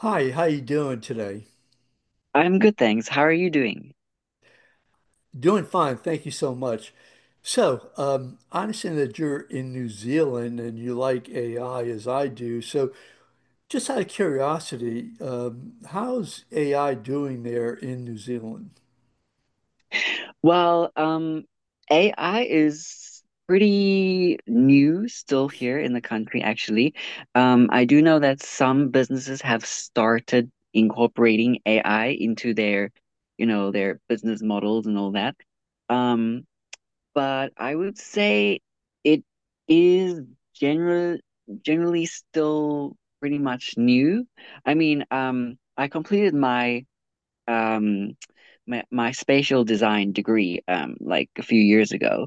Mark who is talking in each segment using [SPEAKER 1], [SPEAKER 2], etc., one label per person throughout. [SPEAKER 1] Hi, how you doing today?
[SPEAKER 2] I'm good, thanks. How are you doing?
[SPEAKER 1] Doing fine, thank you so much. So, I understand that you're in New Zealand and you like AI as I do. Just out of curiosity, how's AI doing there in New Zealand?
[SPEAKER 2] Well, AI is pretty new still here in the country, actually. I do know that some businesses have started incorporating AI into their business models and all that. Um, but I would say it is general generally still pretty much new. I mean, I completed um my spatial design degree like a few years ago.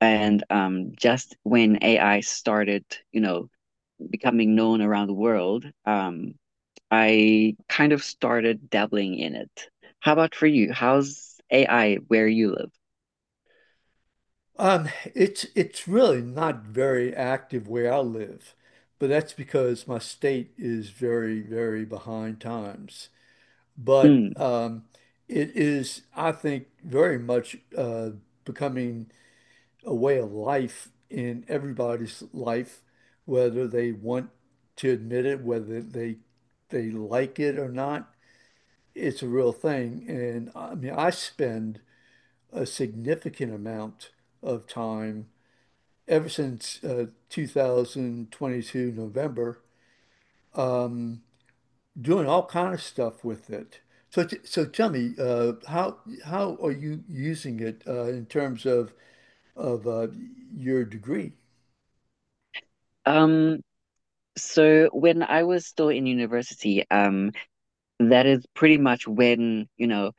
[SPEAKER 2] And just when AI started, you know becoming known around the world, I kind of started dabbling in it. How about for you? How's AI where you live?
[SPEAKER 1] Um, it's really not very active where I live, but that's because my state is very, very behind times. But
[SPEAKER 2] Hmm.
[SPEAKER 1] it is, I think, very much becoming a way of life in everybody's life, whether they want to admit it, whether they like it or not. It's a real thing. And I mean, I spend a significant amount of time ever since 2022 November, um, doing all kind of stuff with it. So tell me, how are you using it in terms of of your degree?
[SPEAKER 2] um so when I was still in university, that is pretty much when, you know,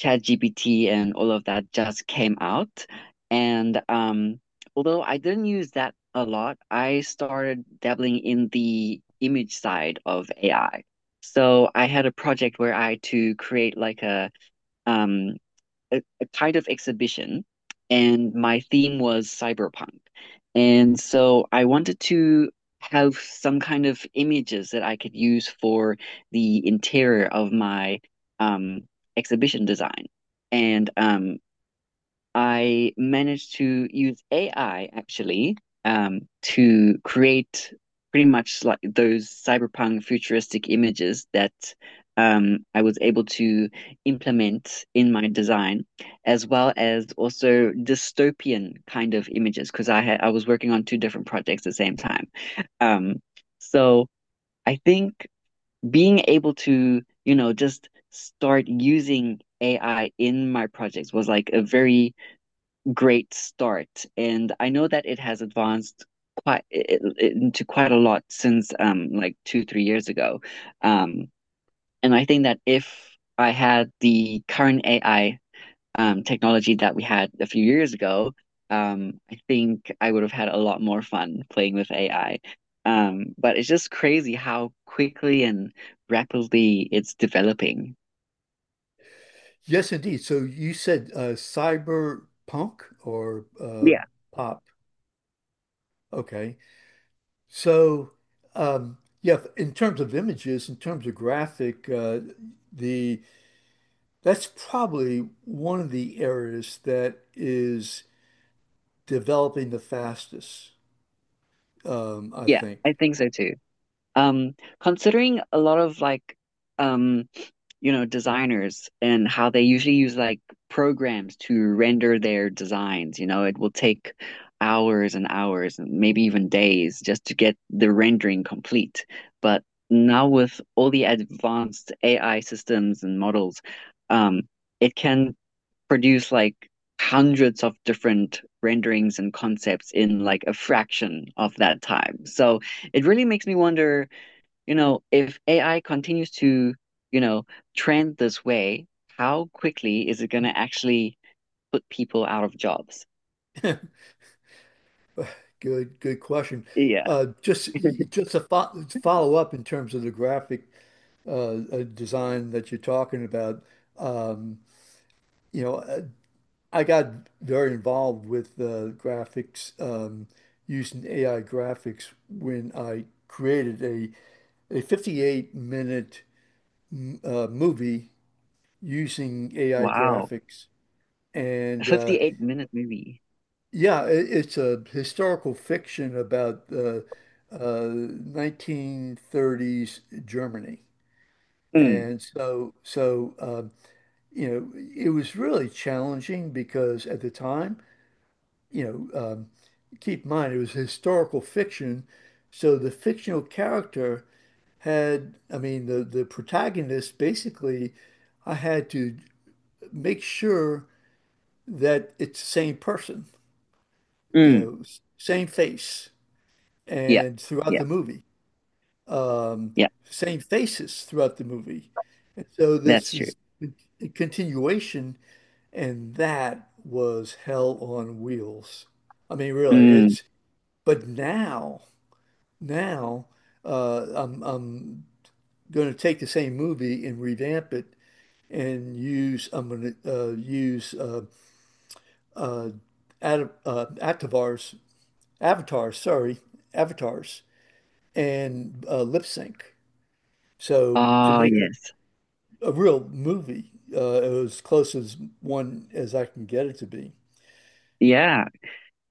[SPEAKER 2] ChatGPT and all of that just came out. And although I didn't use that a lot, I started dabbling in the image side of AI. So I had a project where I had to create like um, a kind of exhibition, and my theme was cyberpunk. And so I wanted to have some kind of images that I could use for the interior of my, um, exhibition design. And I managed to use AI actually, to create pretty much like those cyberpunk futuristic images that, I was able to implement in my design, as well as also dystopian kind of images because I was working on two different projects at the same time. Um, so I think being able to just start using AI in my projects was like a very great start. And I know that it has advanced into quite a lot since like 2, 3 years ago. Um, and I think that if I had the current AI technology that we had a few years ago, I think I would have had a lot more fun playing with AI. But it's just crazy how quickly and rapidly it's developing.
[SPEAKER 1] Yes, indeed. So you said cyberpunk or
[SPEAKER 2] Yeah.
[SPEAKER 1] pop. Okay. So, yeah, in terms of images, in terms of graphic, the that's probably one of the areas that is developing the fastest, I
[SPEAKER 2] Yeah,
[SPEAKER 1] think.
[SPEAKER 2] I think so too. Um, considering a lot of like, um designers and how they usually use like programs to render their designs. It will take hours and hours and maybe even days just to get the rendering complete. But now with all the advanced AI systems and models, um, it can produce like hundreds of different renderings and concepts in like a fraction of that time. So it really makes me wonder, if AI continues to, you know, trend this way, how quickly is it going to actually put people out of jobs?
[SPEAKER 1] Good, good question.
[SPEAKER 2] Yeah.
[SPEAKER 1] Uh, just just to fo follow up in terms of the graphic design that you're talking about. Um, you know. uh, I got very involved with graphics, using AI graphics when I created a 58 minute movie using AI
[SPEAKER 2] Wow.
[SPEAKER 1] graphics.
[SPEAKER 2] A
[SPEAKER 1] And
[SPEAKER 2] 58-minute minute movie.
[SPEAKER 1] yeah, it's a historical fiction about the 1930s Germany.
[SPEAKER 2] Mm,
[SPEAKER 1] And so, you know, it was really challenging because at the time, you know, um, keep in mind it was historical fiction, so the fictional character had, I mean, the protagonist basically, I had to make sure that it's the same person, you
[SPEAKER 2] mm,
[SPEAKER 1] know, same face,
[SPEAKER 2] yeah,
[SPEAKER 1] and throughout
[SPEAKER 2] yeah,
[SPEAKER 1] the movie, um,
[SPEAKER 2] yeah,
[SPEAKER 1] same faces throughout the movie, and so
[SPEAKER 2] that's
[SPEAKER 1] this
[SPEAKER 2] true.
[SPEAKER 1] is a continuation, and that was hell on wheels. I mean, really,
[SPEAKER 2] Mm,
[SPEAKER 1] it's but now. Now I'm going to take the same movie and revamp it and use I'm going to use uh, ad, avatars avatars sorry avatars and lip sync so to
[SPEAKER 2] oh,
[SPEAKER 1] make it
[SPEAKER 2] yes.
[SPEAKER 1] a real movie as close as one as I can get it to be.
[SPEAKER 2] Yeah.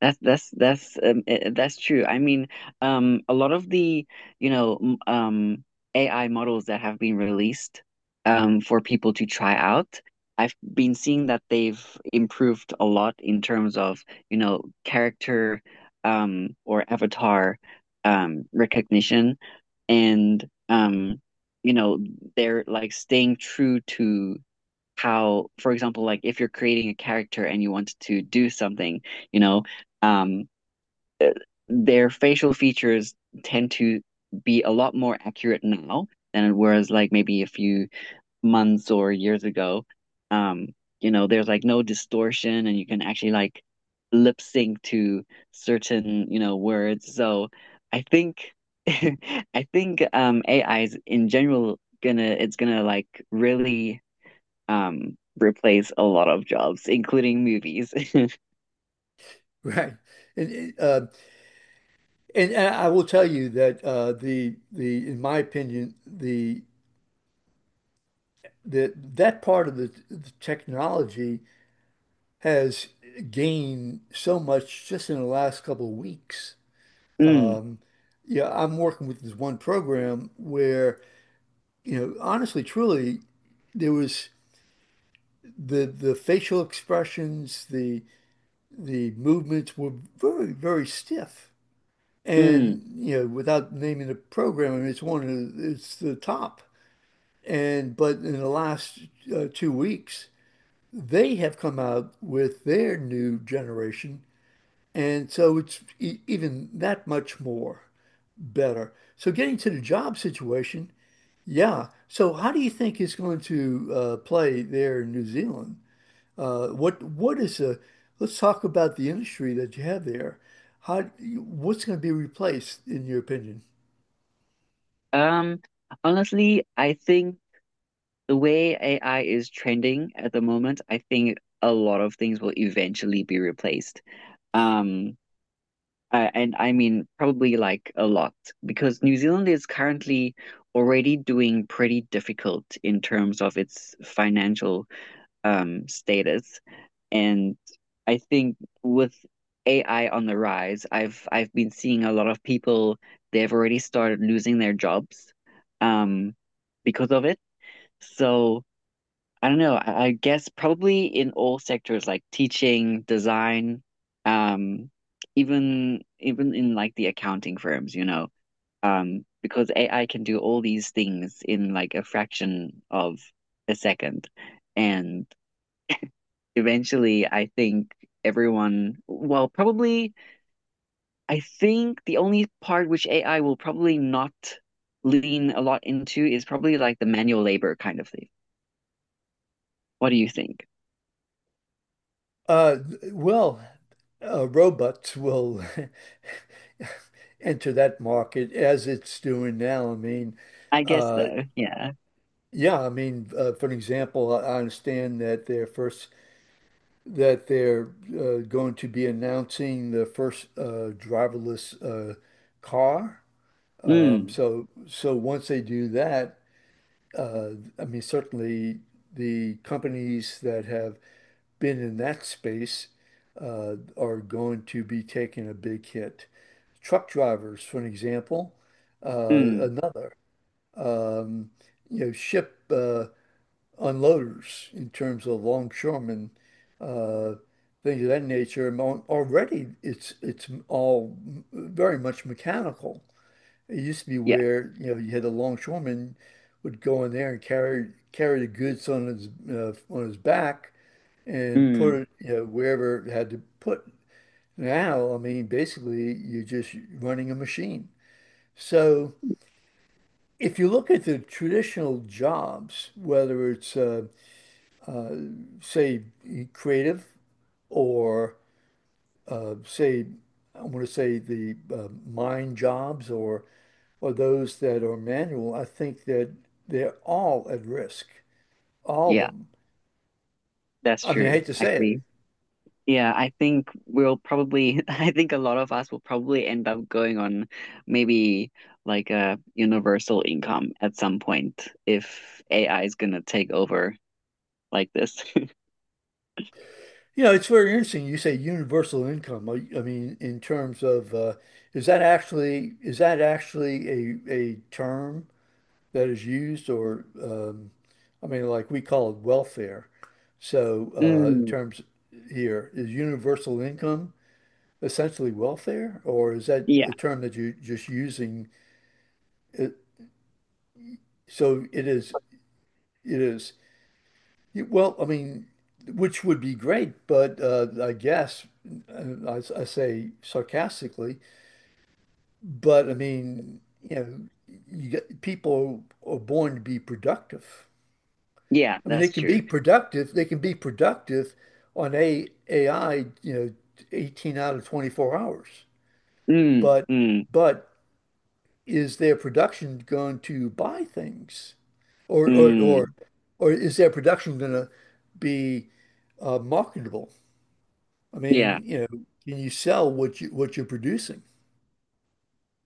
[SPEAKER 2] That's true. I mean, a lot of the you know m- um, AI models that have been released, for people to try out, I've been seeing that they've improved a lot in terms of, character, or avatar, recognition. And you know they're like staying true to how, for example, like if you're creating a character and you want to do something, you know. Um, their facial features tend to be a lot more accurate now than whereas like maybe a few months or years ago. Um, there's like no distortion and you can actually like lip sync to certain words. So I think I think AI is in general gonna, it's gonna like really replace a lot of jobs, including movies.
[SPEAKER 1] Right. And, uh, and I will tell you that the in my opinion the that that part of the technology has gained so much just in the last couple of weeks.
[SPEAKER 2] Mm,
[SPEAKER 1] Um, yeah, I'm working with this one program where, you know, honestly, truly, there was the facial expressions, the movements were very, very stiff. And,
[SPEAKER 2] mm.
[SPEAKER 1] you know, without naming the program, I mean, it's one of the, it's the top. And but in the last 2 weeks, they have come out with their new generation, and so it's e even that much more better. So getting to the job situation, yeah. So how do you think it's going to play there in New Zealand? What is the Let's talk about the industry that you have there. How What's going to be replaced in your opinion?
[SPEAKER 2] Um Honestly, I think the way AI is trending at the moment, I think a lot of things will eventually be replaced. Um, and I mean probably like a lot because New Zealand is currently already doing pretty difficult in terms of its financial status, and I think with AI on the rise, I've been seeing a lot of people they've already started losing their jobs, um, because of it. So. I don't know. I guess probably in all sectors like teaching, design, um, even in like the accounting firms, because AI can do all these things in like a fraction of a second. And eventually, I think everyone, well, probably, I think the only part which AI will probably not lean a lot into is probably like the manual labor kind of thing. What do you think?
[SPEAKER 1] Uh, well, Robots will enter that market as it's doing now. I mean,
[SPEAKER 2] I guess
[SPEAKER 1] uh,
[SPEAKER 2] though, yeah.
[SPEAKER 1] yeah, I mean, for an example, I understand that they're first that they're going to be announcing the first driverless car. Um,
[SPEAKER 2] Mm.
[SPEAKER 1] so, so once they do that, uh, I mean, certainly the companies that have been in that space are going to be taking a big hit. Truck drivers, for an example,
[SPEAKER 2] Mm,
[SPEAKER 1] another. Um, you know, ship. Unloaders in terms of longshoremen, uh, things of that nature. And already it's all very much mechanical. It used to be
[SPEAKER 2] yeah.
[SPEAKER 1] where you know you had a longshoreman would go in there and carry the goods on his back and put
[SPEAKER 2] Mm,
[SPEAKER 1] it you know wherever it had to put. Now, I mean, basically you're just running a machine. So if you look at the traditional jobs, whether it's say creative or say, I want to say the mine jobs or those that are manual, I think that they're all at risk, all of
[SPEAKER 2] yeah,
[SPEAKER 1] them.
[SPEAKER 2] that's
[SPEAKER 1] I mean, I
[SPEAKER 2] true,
[SPEAKER 1] hate to say it.
[SPEAKER 2] actually. Yeah, I think we'll probably, I think a lot of us will probably end up going on maybe like a universal income at some point if AI is gonna take over like this.
[SPEAKER 1] You know, it's very interesting. You say universal income. I mean, in terms of is that actually a term that is used or I mean, like we call it welfare. So in
[SPEAKER 2] Mm,
[SPEAKER 1] terms here is universal income. Essentially welfare, or is that
[SPEAKER 2] yeah,
[SPEAKER 1] a term that you're just using? It, so it is, it is, well, I mean, which would be great, but I guess uh, I say sarcastically, but I mean, you know, you get, people are born to be productive.
[SPEAKER 2] yeah,
[SPEAKER 1] I mean, they
[SPEAKER 2] that's
[SPEAKER 1] can be
[SPEAKER 2] true.
[SPEAKER 1] productive. They can be productive on a AI, you know, 18 out of 24 hours.
[SPEAKER 2] Mm,
[SPEAKER 1] But
[SPEAKER 2] mm,
[SPEAKER 1] but is their production going to buy things? Or
[SPEAKER 2] mm,
[SPEAKER 1] or is their production going to be marketable? I
[SPEAKER 2] yeah.
[SPEAKER 1] mean, you know, can you sell what you what you're producing?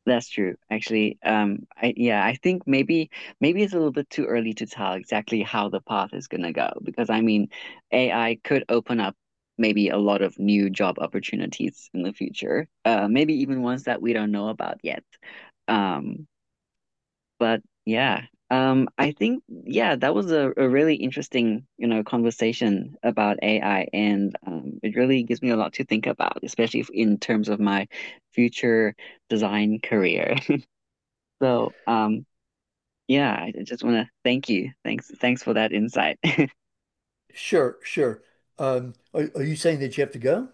[SPEAKER 2] That's true. Actually, I think maybe it's a little bit too early to tell exactly how the path is gonna go because I mean, AI could open up maybe a lot of new job opportunities in the future. Maybe even ones that we don't know about yet. Um, but yeah, I think, yeah, that was a really interesting conversation about AI, and it really gives me a lot to think about, especially if, in terms of my future design career. So, yeah, I just want to thank you. Thanks for that insight.
[SPEAKER 1] Sure, sure. Are you saying that you have to go?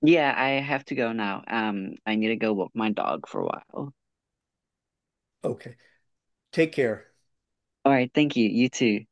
[SPEAKER 2] Yeah, I have to go now. I need to go walk my dog for a while. All
[SPEAKER 1] Okay. Take care.
[SPEAKER 2] right, thank you. You too.